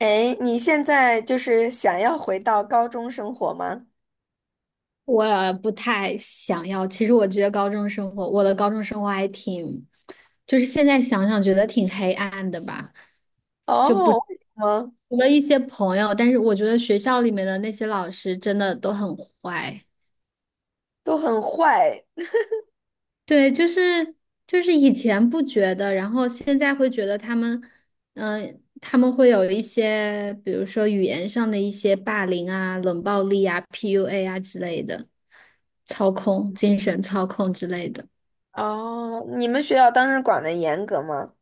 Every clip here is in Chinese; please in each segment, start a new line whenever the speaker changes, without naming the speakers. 哎，你现在就是想要回到高中生活吗？
我不太想要。其实我觉得高中生活，我的高中生活就是现在想想觉得挺黑暗的吧。就不
哦，
除
为什么
了一些朋友，但是我觉得学校里面的那些老师真的都很坏。
都很坏？
对，就是就是以前不觉得，然后现在会觉得他们会有一些，比如说语言上的一些霸凌啊、冷暴力啊、PUA 啊之类的，操控、精神操控之类的。
哦，你们学校当时管的严格吗？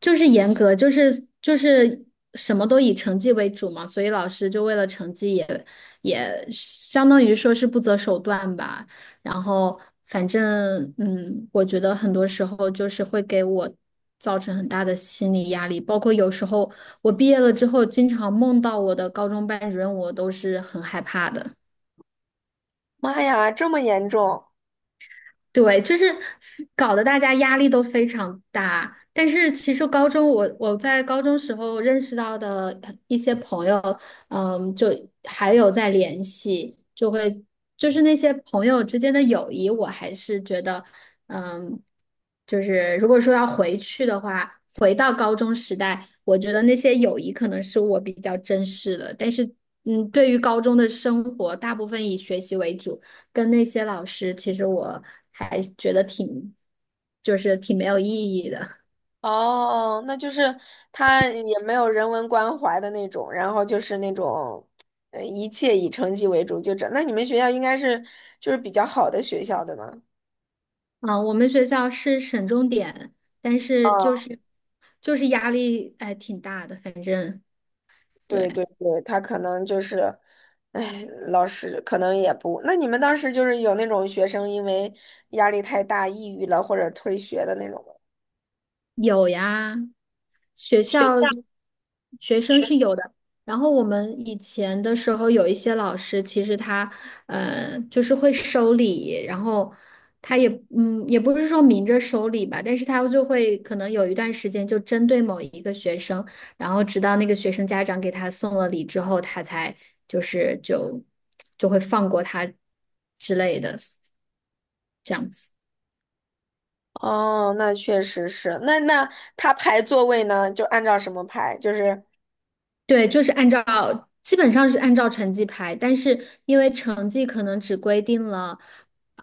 就是严格，就是什么都以成绩为主嘛，所以老师就为了成绩也相当于说是不择手段吧。然后反正,我觉得很多时候就是会给我造成很大的心理压力，包括有时候我毕业了之后，经常梦到我的高中班主任，我都是很害怕的。
妈呀，这么严重！
对，就是搞得大家压力都非常大。但是其实高中我在高中时候认识到的一些朋友，就还有在联系，就是那些朋友之间的友谊，我还是觉得，嗯，就是如果说要回去的话，回到高中时代，我觉得那些友谊可能是我比较珍视的。但是,对于高中的生活，大部分以学习为主。跟那些老师，其实我还觉得挺，就是挺没有意义的。
哦，那就是他也没有人文关怀的那种，然后就是那种，一切以成绩为主，就这。那你们学校应该是就是比较好的学校，对吗？
啊，我们学校是省重点，但是就是压力挺大的，反正。对。
对对对，他可能就是，哎，老师可能也不，那你们当时就是有那种学生因为压力太大抑郁了或者退学的那种吗？
有呀。学校学生
是。
是有的。然后我们以前的时候有一些老师，其实他就是会收礼，然后他也不是说明着收礼吧，但是他就会可能有一段时间就针对某一个学生，然后直到那个学生家长给他送了礼之后，他才就是就就会放过他之类的这样子。
哦，那确实是。那他排座位呢，就按照什么排？就是。
对，就是按照基本上是按照成绩排，但是因为成绩可能只规定了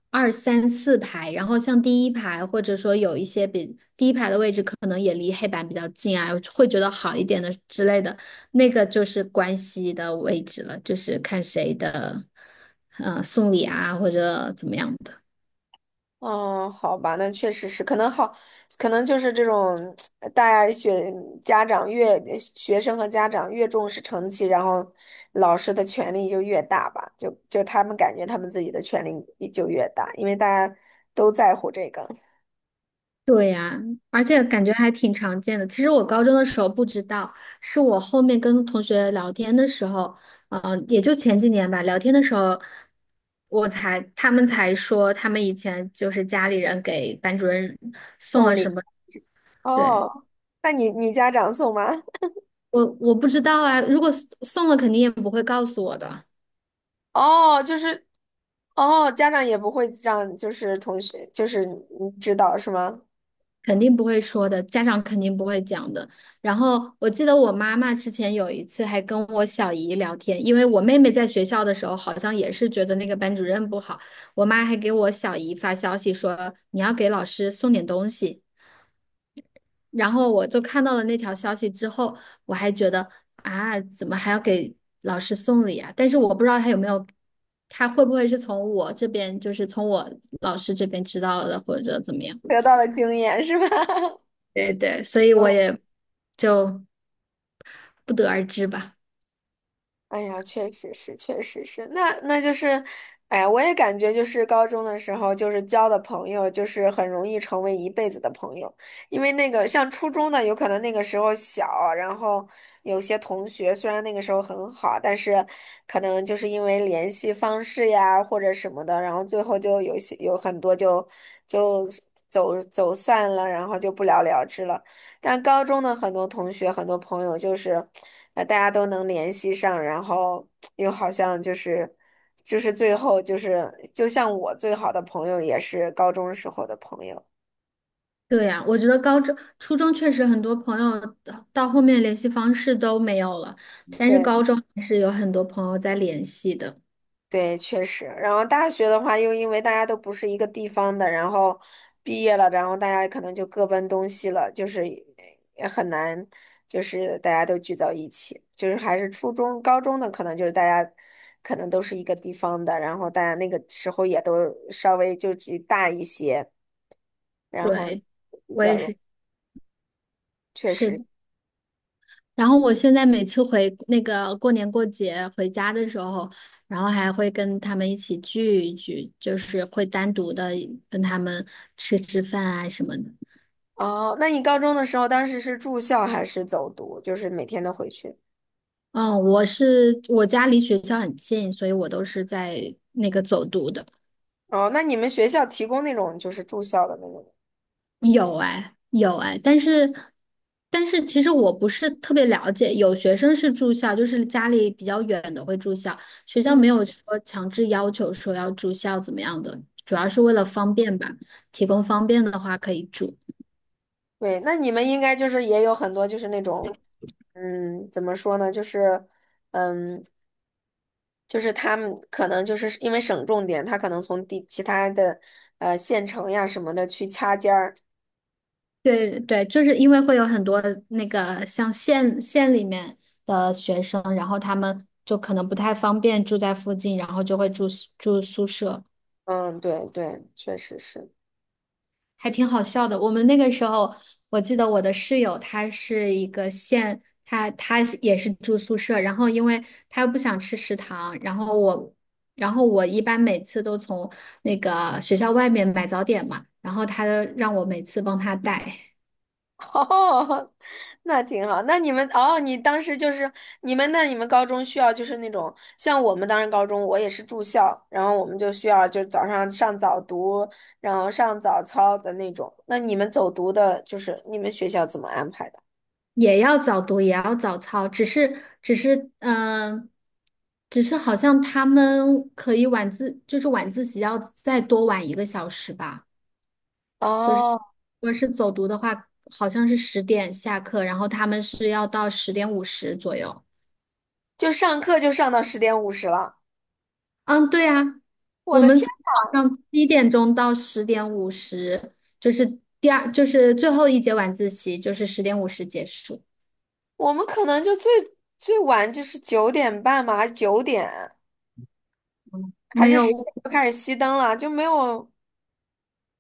二三四排，然后像第一排或者说有一些比第一排的位置可能也离黑板比较近啊，会觉得好一点的之类的，那个就是关系的位置了，就是看谁的送礼啊或者怎么样的。
哦，好吧，那确实是，可能好，可能就是这种，呃大家学家长越学生和家长越重视成绩，然后老师的权力就越大吧，就他们感觉他们自己的权力也就越大，因为大家都在乎这个
对呀，而且感觉还挺常见的。其实我高中的时候不知道，是我后面跟同学聊天的时候，也就前几年吧，聊天的时候，他们才说他们以前就是家里人给班主任送了
送
什
礼。
么。对，
哦，那你家长送吗？
我不知道啊，如果送了，肯定也不会告诉我的。
哦，就是。哦，家长也不会让就是同学就是你知道是吗？
肯定不会说的，家长肯定不会讲的。然后我记得我妈妈之前有一次还跟我小姨聊天，因为我妹妹在学校的时候好像也是觉得那个班主任不好，我妈还给我小姨发消息说你要给老师送点东西。然后我就看到了那条消息之后，我还觉得啊，怎么还要给老师送礼啊？但是我不知道他有没有，他会不会是从我这边，就是从我老师这边知道的，或者怎么样。
得到的经验是吧？
对对，所以我
嗯。
也就不得而知吧。
哎呀，确实是，确实是，那就是，哎呀，我也感觉就是高中的时候，就是交的朋友，就是很容易成为一辈子的朋友，因为那个像初中的，有可能那个时候小，然后有些同学虽然那个时候很好，但是可能就是因为联系方式呀或者什么的，然后最后就有些有很多就走走散了，然后就不了了之了。但高中的很多同学、很多朋友就是，大家都能联系上，然后又好像就是，就是最后就是，就像我最好的朋友也是高中时候的朋友。
对呀，我觉得高中、初中确实很多朋友到后面联系方式都没有了，但是
对。
高中还是有很多朋友在联系的。
对，确实。然后大学的话，又因为大家都不是一个地方的，然后毕业了，然后大家可能就各奔东西了，就是也很难，就是大家都聚到一起。就是还是初中、高中的，可能就是大家可能都是一个地方的，然后大家那个时候也都稍微就只大一些，然后
对，
比
我
较
也
容，
是，
确
是
实。
的。然后我现在每次回那个过年过节回家的时候，然后还会跟他们一起聚一聚，就是会单独的跟他们吃吃饭啊什么的。
哦，那你高中的时候，当时是住校还是走读？就是每天都回去？
嗯，我是我家离学校很近，所以我都是在那个走读的。
哦，那你们学校提供那种就是住校的那种？
有哎，有哎，但是其实我不是特别了解，有学生是住校，就是家里比较远的会住校，学校
嗯。
没有说强制要求说要住校怎么样的，主要是为了方便吧，提供方便的话可以住。
对，那你们应该就是也有很多就是那种，嗯，怎么说呢，就是，嗯，就是他们可能就是因为省重点，他可能从地其他的县城呀什么的去掐尖儿。
对对，就是因为会有很多那个像县里面的学生，然后他们就可能不太方便住在附近，然后就会住宿舍，
嗯，对对，确实是。
还挺好笑的。我们那个时候，我记得我的室友她是一个县，她是也是住宿舍，然后因为她不想吃食堂，然后我一般每次都从那个学校外面买早点嘛，然后她让我每次帮她带。
哦，那挺好。那你们哦，你当时就是你们高中需要就是那种像我们当时高中，我也是住校，然后我们就需要就早上上早读，然后上早操的那种。那你们走读的，就是你们学校怎么安排的？
也要早读，也要早操，只是只是好像他们可以就是晚自习要再多晚1个小时吧。
哦，
如果是走读的话，好像是十点下课，然后他们是要到十点五十左右。
就上课就上到十点五十了。
嗯，对啊，
我
我
的
们
天，
从早上七点钟到十点五十，就是就是最后一节晚自习，就是十点五十结束。
我们可能就最晚就是九点半嘛，还是九点，还
没
是十
有。
点就开始熄灯了，就没有。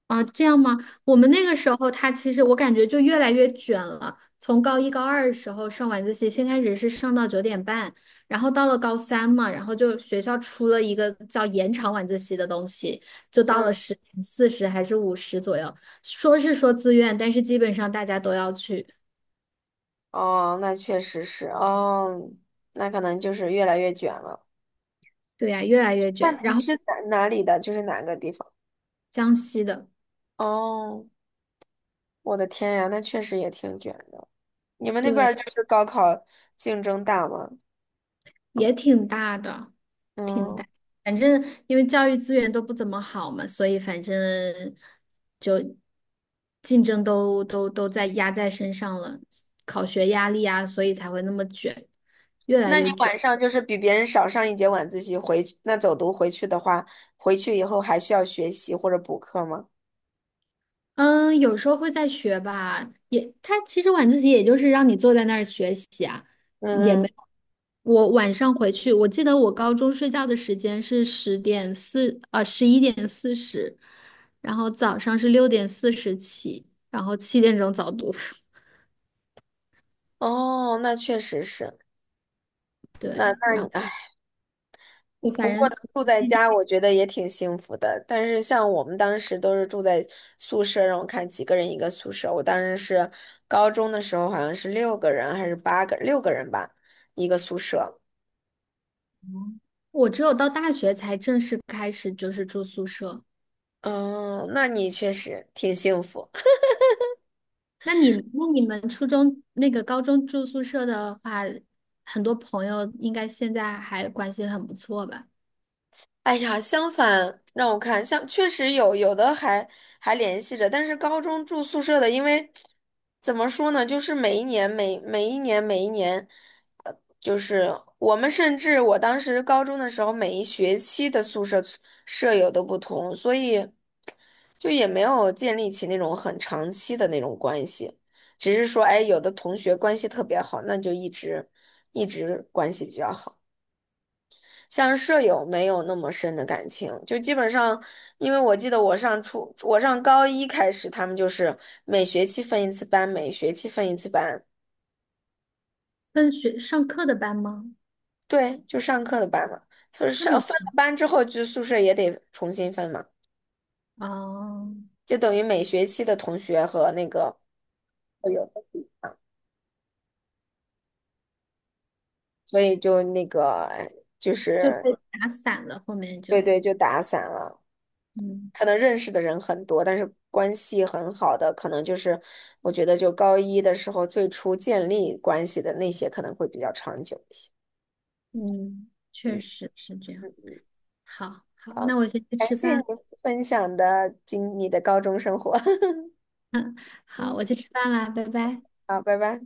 啊，这样吗？我们那个时候，他其实我感觉就越来越卷了。从高一、高二的时候上晚自习，先开始是上到9:30，然后到了高三嘛，然后就学校出了一个叫延长晚自习的东西，就到了
嗯。
10:40还是五十左右。说是说自愿，但是基本上大家都要去。
哦，那确实是哦，那可能就是越来越卷了。
对呀，越来越
那
卷。然
你
后
是哪里的？就是哪个地方？
江西的。
哦，我的天呀，那确实也挺卷的。你们那边
对。
儿就是高考竞争大吗？
也挺大的，挺
嗯，
大。反正因为教育资源都不怎么好嘛，所以反正就竞争都在压在身上了，考学压力啊，所以才会那么卷，越来
那你
越卷。
晚上就是比别人少上一节晚自习回去，那走读回去的话，回去以后还需要学习或者补课吗？
嗯，有时候会在学吧，也他其实晚自习也就是让你坐在那儿学习啊，也
嗯
没。
嗯，
我晚上回去，我记得我高中睡觉的时间是11:40，然后早上是6:40起，然后七点钟早读，
哦，那确实是，那
对，然后
那
就
不
反正
过能住在
七点。
家，我觉得也挺幸福的。但是像我们当时都是住在宿舍，让我看几个人一个宿舍。我当时是高中的时候，好像是六个人还是八个，六个人吧，一个宿舍。
我只有到大学才正式开始就是住宿舍。
嗯，那你确实挺幸福。
那你们初中那个高中住宿舍的话，很多朋友应该现在还关系很不错吧？
哎呀，相反，让我看，像确实有的还还联系着，但是高中住宿舍的，因为怎么说呢，就是每一年，就是我们甚至我当时高中的时候，每一学期的宿舍舍友都不同，所以就也没有建立起那种很长期的那种关系，只是说，哎，有的同学关系特别好，那就一直关系比较好。像舍友没有那么深的感情，就基本上，因为我记得我上初，我上高一开始，他们就是每学期分一次班，
跟学上课的班吗？
对，就上课的班嘛，就是
那
上
么，
分了班之后，就宿舍也得重新分嘛，
哦，
就等于每学期的同学和那个舍友，所以就那个哎就
就被
是
打散了，后面
对
就。
对，就打散了。
嗯
可能认识的人很多，但是关系很好的，可能就是我觉得就高一的时候最初建立关系的那些，可能会比较长久一些。
嗯，确
嗯
实是这样。
嗯，
好好，
好，
那我先去
感
吃
谢你
饭。
分享的今你的高中生活。
好，
嗯，
我去吃饭啦，拜拜。
好，拜拜。